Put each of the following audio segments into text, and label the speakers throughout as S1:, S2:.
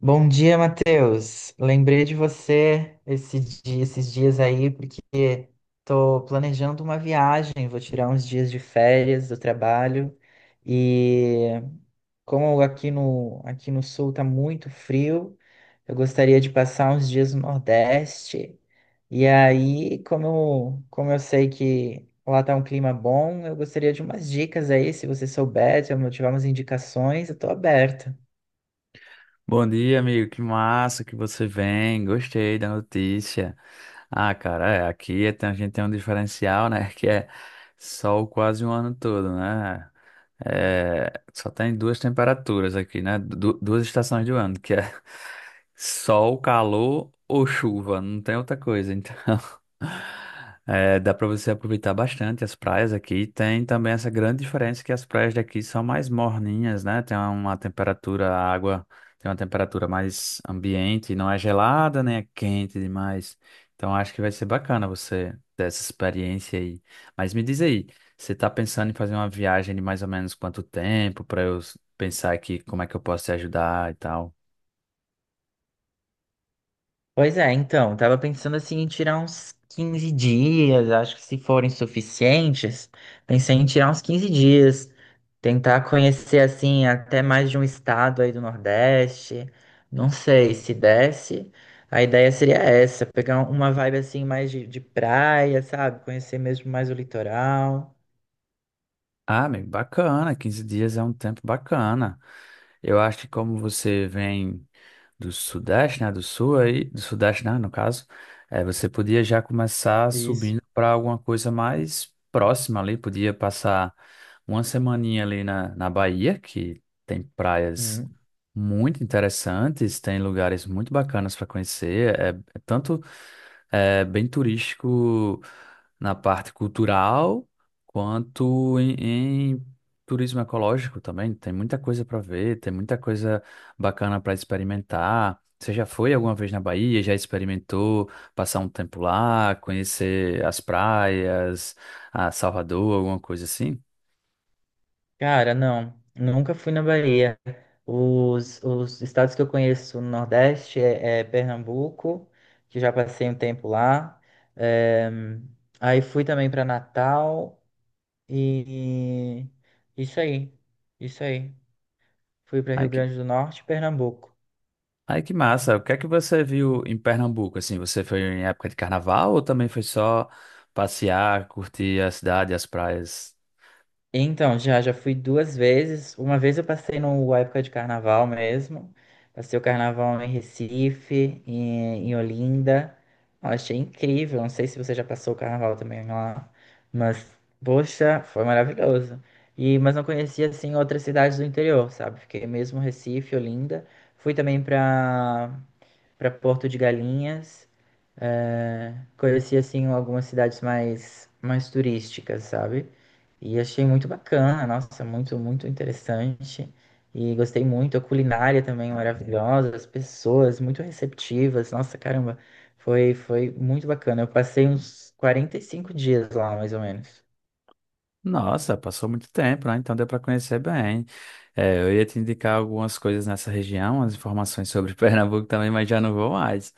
S1: Bom dia, Matheus. Lembrei de você esses dias aí, porque tô planejando uma viagem, vou tirar uns dias de férias do trabalho. E como aqui no sul tá muito frio, eu gostaria de passar uns dias no Nordeste. E aí, como eu sei que lá tá um clima bom, eu gostaria de umas dicas aí, se você souber, se eu tiver umas indicações, eu tô aberto.
S2: Bom dia, amigo. Que massa que você vem. Gostei da notícia. Ah, cara, é, aqui a gente tem um diferencial, né? Que é sol quase um ano todo, né? É, só tem duas temperaturas aqui, né? Duas estações do ano, que é sol, calor ou chuva. Não tem outra coisa, então. é, dá para você aproveitar bastante as praias aqui. Tem também essa grande diferença que as praias daqui são mais morninhas, né? Tem uma temperatura, a água. Tem uma temperatura mais ambiente, não é gelada, nem é quente demais. Então acho que vai ser bacana você ter essa experiência aí. Mas me diz aí, você tá pensando em fazer uma viagem de mais ou menos quanto tempo para eu pensar aqui como é que eu posso te ajudar e tal?
S1: Pois é, então, tava pensando assim em tirar uns 15 dias, acho que se forem suficientes, pensei em tirar uns 15 dias, tentar conhecer assim até mais de um estado aí do Nordeste, não sei se desse, a ideia seria essa, pegar uma vibe assim mais de praia, sabe? Conhecer mesmo mais o litoral.
S2: Ah, amigo, bacana, 15 dias é um tempo bacana. Eu acho que como você vem do Sudeste, né, do Sul aí, do Sudeste, né, no caso, é, você podia já começar
S1: Isso.
S2: subindo para alguma coisa mais próxima ali, podia passar uma semaninha ali na Bahia, que tem praias muito interessantes, tem lugares muito bacanas para conhecer, é, é tanto bem turístico na parte cultural, quanto em turismo ecológico também, tem muita coisa para ver, tem muita coisa bacana para experimentar. Você já foi alguma vez na Bahia? Já experimentou passar um tempo lá, conhecer as praias, a Salvador, alguma coisa assim?
S1: Cara, não. Nunca fui na Bahia. Os estados que eu conheço no Nordeste é Pernambuco, que já passei um tempo lá. Eh, aí fui também para Natal e e isso aí. Isso aí. Fui para
S2: Ai
S1: Rio
S2: que,
S1: Grande do Norte e Pernambuco.
S2: ai que massa! O que é que você viu em Pernambuco? Assim, você foi em época de carnaval ou também foi só passear, curtir a cidade, as praias?
S1: Então, já fui duas vezes. Uma vez eu passei no época de carnaval mesmo. Passei o carnaval em Recife, em Olinda. Eu achei incrível. Não sei se você já passou o carnaval também lá, mas, poxa, foi maravilhoso. E, mas não conhecia, assim, outras cidades do interior, sabe? Fiquei mesmo em Recife, Olinda. Fui também para Porto de Galinhas. É, conheci assim algumas cidades mais turísticas, sabe? E achei muito bacana, nossa, muito interessante. E gostei muito, a culinária também maravilhosa, as pessoas muito receptivas. Nossa, caramba, foi muito bacana. Eu passei uns 45 dias lá, mais ou menos.
S2: Nossa, passou muito tempo, né? Então deu para conhecer bem. É, eu ia te indicar algumas coisas nessa região, as informações sobre Pernambuco também, mas já não vou mais.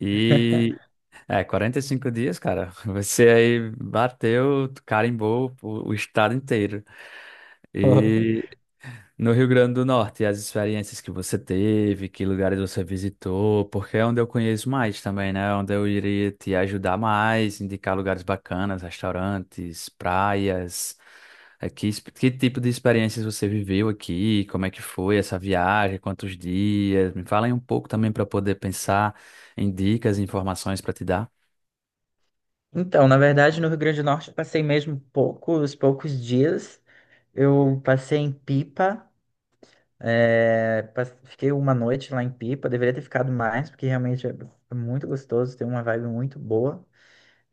S2: E é 45 dias, cara. Você aí bateu, carimbou o estado inteiro. E no Rio Grande do Norte, as experiências que você teve, que lugares você visitou, porque é onde eu conheço mais também, né? é onde eu iria te ajudar mais, indicar lugares bacanas, restaurantes, praias. É, que, que tipo de experiências você viveu aqui? Como é que foi essa viagem? Quantos dias? Me fala aí um pouco também para poder pensar em dicas e informações para te dar.
S1: Então, na verdade, no Rio Grande do Norte eu passei mesmo poucos dias. Eu passei em Pipa. Fiquei uma noite lá em Pipa, deveria ter ficado mais, porque realmente é muito gostoso, tem uma vibe muito boa.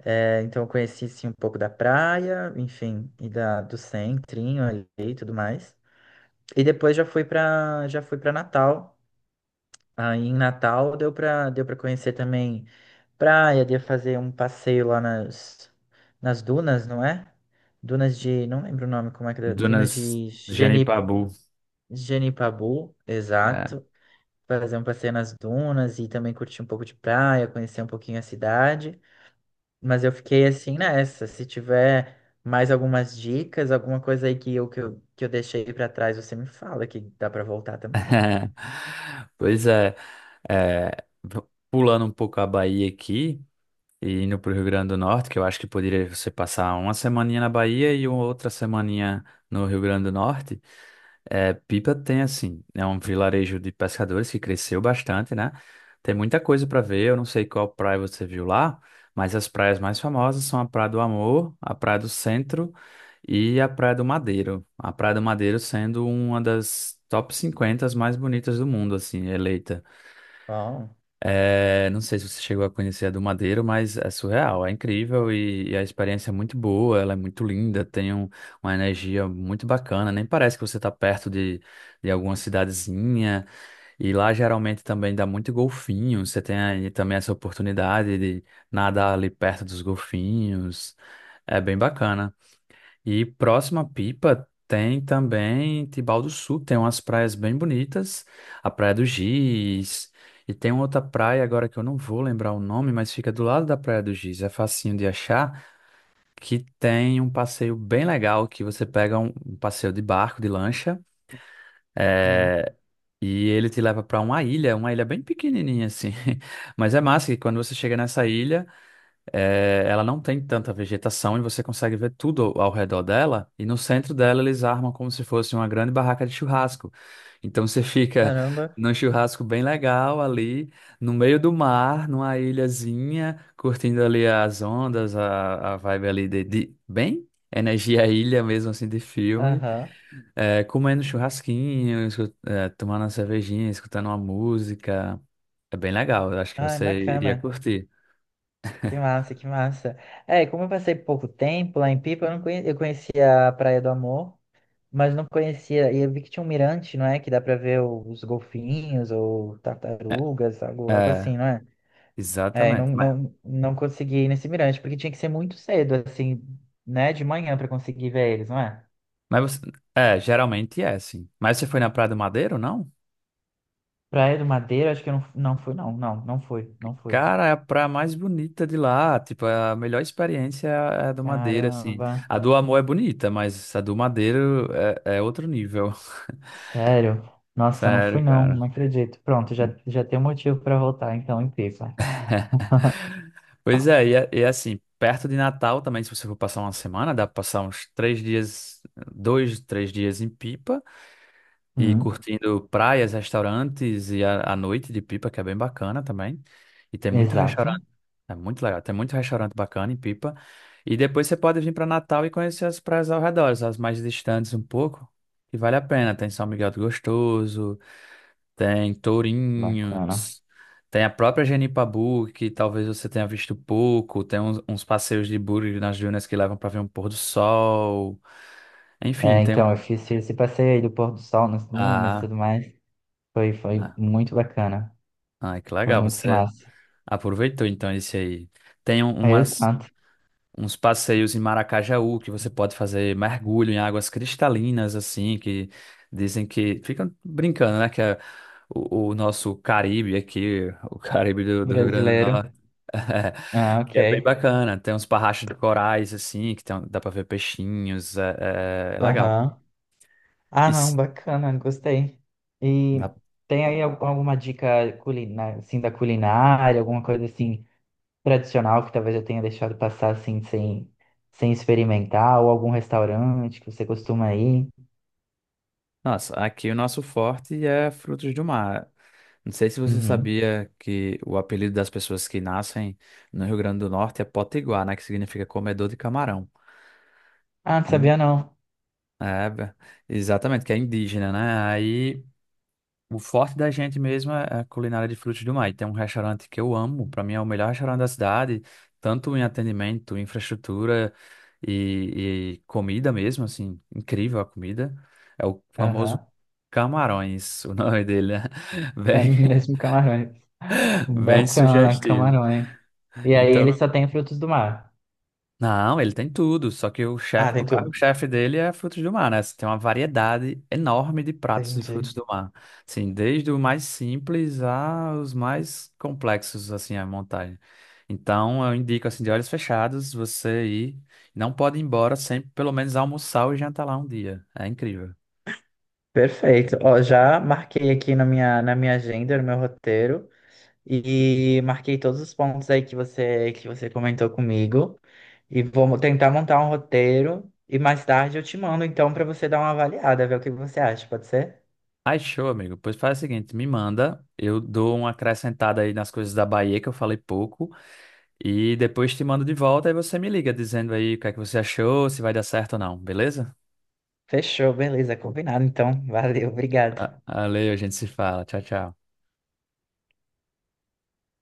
S1: É, então eu conheci sim um pouco da praia, enfim, e do centrinho ali e tudo mais. E depois já fui para Natal. Aí em Natal deu para conhecer também praia, deu pra fazer um passeio lá nas dunas, não é? Dunas de, não lembro o nome, como é que é, dunas
S2: Dunas
S1: de Geni,
S2: Genipabu.
S1: Genipabu, exato. Fazer um passeio nas dunas e também curtir um pouco de praia, conhecer um pouquinho a cidade. Mas eu fiquei assim nessa. Se tiver mais algumas dicas, alguma coisa aí que eu deixei pra trás, você me fala que dá pra voltar também.
S2: Pois é, é, pulando um pouco a Bahia aqui e indo para o Rio Grande do Norte, que eu acho que poderia você passar uma semaninha na Bahia e outra semaninha no Rio Grande do Norte. É, Pipa tem assim, é um vilarejo de pescadores que cresceu bastante, né? Tem muita coisa para ver, eu não sei qual praia você viu lá, mas as praias mais famosas são a Praia do Amor, a Praia do Centro e a Praia do Madeiro. A Praia do Madeiro sendo uma das top 50 mais bonitas do mundo, assim, eleita.
S1: Bom,
S2: É, não sei se você chegou a conhecer a do Madeiro, mas é surreal, é incrível e a experiência é muito boa, ela é muito linda, tem uma energia muito bacana, nem parece que você está perto de, alguma cidadezinha, e lá geralmente também dá muito golfinho, você tem aí também essa oportunidade de nadar ali perto dos golfinhos, é bem bacana. E próxima Pipa tem também Tibau do Sul, tem umas praias bem bonitas, a Praia do Giz, e tem outra praia agora que eu não vou lembrar o nome, mas fica do lado da Praia do Giz, é facinho de achar, que tem um passeio bem legal, que você pega um, um passeio de barco, de lancha,
S1: hum,
S2: e ele te leva para uma ilha bem pequenininha assim, mas é massa que quando você chega nessa ilha. É, ela não tem tanta vegetação e você consegue ver tudo ao redor dela. E no centro dela eles armam como se fosse uma grande barraca de churrasco. Então você fica
S1: caramba.
S2: num churrasco bem legal ali, no meio do mar, numa ilhazinha, curtindo ali as ondas, a vibe ali de, bem energia ilha mesmo assim de filme,
S1: Aham.
S2: é, comendo churrasquinho, tomando uma cervejinha, escutando uma música. É bem legal, eu acho que
S1: Ai,
S2: você iria
S1: bacana.
S2: curtir.
S1: Que massa, que massa. É, como eu passei pouco tempo lá em Pipa, eu não conhe... eu conhecia a Praia do Amor, mas não conhecia. E eu vi que tinha um mirante, não é? Que dá pra ver os golfinhos ou
S2: É,
S1: tartarugas, algo
S2: é.
S1: assim, não é? É, e
S2: Exatamente. Mas,
S1: não consegui ir nesse mirante, porque tinha que ser muito cedo, assim, né? De manhã pra conseguir ver eles, não é?
S2: você, geralmente é assim. Mas você foi na Praia do Madeiro, não?
S1: Praia do Madeira, acho que eu não, não fui, não. Não fui, não fui.
S2: Cara, é a praia mais bonita de lá. Tipo, é a melhor experiência é a do Madeiro, assim.
S1: Caramba,
S2: A do Amor é bonita, mas a do Madeiro é outro nível.
S1: sério. Nossa, não fui,
S2: Sério,
S1: não
S2: cara.
S1: acredito. Pronto, já, já tem um motivo pra voltar, então, em Pipa.
S2: Pois é, e, e é assim, perto de Natal também, se você for passar uma semana, dá pra passar uns 3 dias, dois, 3 dias em Pipa e
S1: Hum,
S2: curtindo praias, restaurantes e a noite de Pipa, que é bem bacana também. E tem muito restaurante.
S1: exato.
S2: É muito legal. Tem muito restaurante bacana em Pipa. E depois você pode vir para Natal e conhecer as praias ao redor, as mais distantes um pouco, que vale a pena. Tem São Miguel do Gostoso, tem
S1: Bacana.
S2: Tourinhos, tem a própria Genipabu, que talvez você tenha visto pouco. Tem uns passeios de buggy nas dunas que levam para ver um pôr do sol. Enfim,
S1: É,
S2: tem um.
S1: então, eu fiz esse passeio aí do pôr do sol nas dunas e
S2: Ah,
S1: tudo mais. Foi
S2: ah,
S1: muito bacana.
S2: ah, que
S1: Foi
S2: legal.
S1: muito
S2: Você
S1: massa.
S2: aproveitou então esse aí. Tem um- umas.
S1: Exato.
S2: Uns passeios em Maracajaú, que você pode fazer mergulho em águas cristalinas, assim, que dizem que. Ficam brincando, né? Que é o, nosso Caribe aqui, o Caribe do, Rio Grande do
S1: Brasileiro.
S2: Norte.
S1: Ah,
S2: que
S1: ok.
S2: é bem bacana. Tem uns parrachos de corais, assim, que tem, um, dá pra ver peixinhos. É, é legal.
S1: Aham.
S2: E
S1: Ah, não,
S2: s-
S1: bacana, gostei. E
S2: na-
S1: tem aí al- alguma dica culinária, assim, da culinária, alguma coisa assim tradicional que talvez eu tenha deixado passar assim sem, sem experimentar, ou algum restaurante que você costuma ir?
S2: nossa, aqui o nosso forte é frutos do mar. Não sei se você
S1: Uhum.
S2: sabia que o apelido das pessoas que nascem no Rio Grande do Norte é Potiguar, né? Que significa comedor de camarão.
S1: Ah, não
S2: Hum.
S1: sabia não.
S2: É, exatamente, que é indígena, né? Aí o forte da gente mesmo é a culinária de frutos do mar. E tem um restaurante que eu amo, para mim é o melhor restaurante da cidade, tanto em atendimento, infraestrutura e comida mesmo, assim, incrível a comida. É o famoso
S1: Aham.
S2: Camarões, o nome dele, né? Bem,
S1: É mesmo camarão.
S2: bem
S1: Bacana,
S2: sugestivo.
S1: camarões. E aí ele
S2: Então,
S1: só tem frutos do mar.
S2: não, ele tem tudo, só que o
S1: Ah,
S2: chefe, o
S1: tem tudo.
S2: carro-chefe dele é frutos do mar, né? Você tem uma variedade enorme de pratos de
S1: Entendi.
S2: frutos do mar. Assim, desde o mais simples aos mais complexos, assim, a montagem. Então, eu indico, assim, de olhos fechados, você ir. Não pode ir embora sem, pelo menos, almoçar e jantar lá um dia. É incrível.
S1: Perfeito. Ó, já marquei aqui na minha agenda, no meu roteiro, e marquei todos os pontos aí que que você comentou comigo. E tentar montar um roteiro e mais tarde eu te mando então para você dar uma avaliada, ver o que você acha, pode ser?
S2: Ai, show, amigo. Pois faz o seguinte, me manda, eu dou uma acrescentada aí nas coisas da Bahia que eu falei pouco. E depois te mando de volta e você me liga dizendo aí o que é que você achou, se vai dar certo ou não, beleza?
S1: Fechou, beleza, combinado então. Valeu, obrigado.
S2: Valeu, a gente se fala. Tchau, tchau.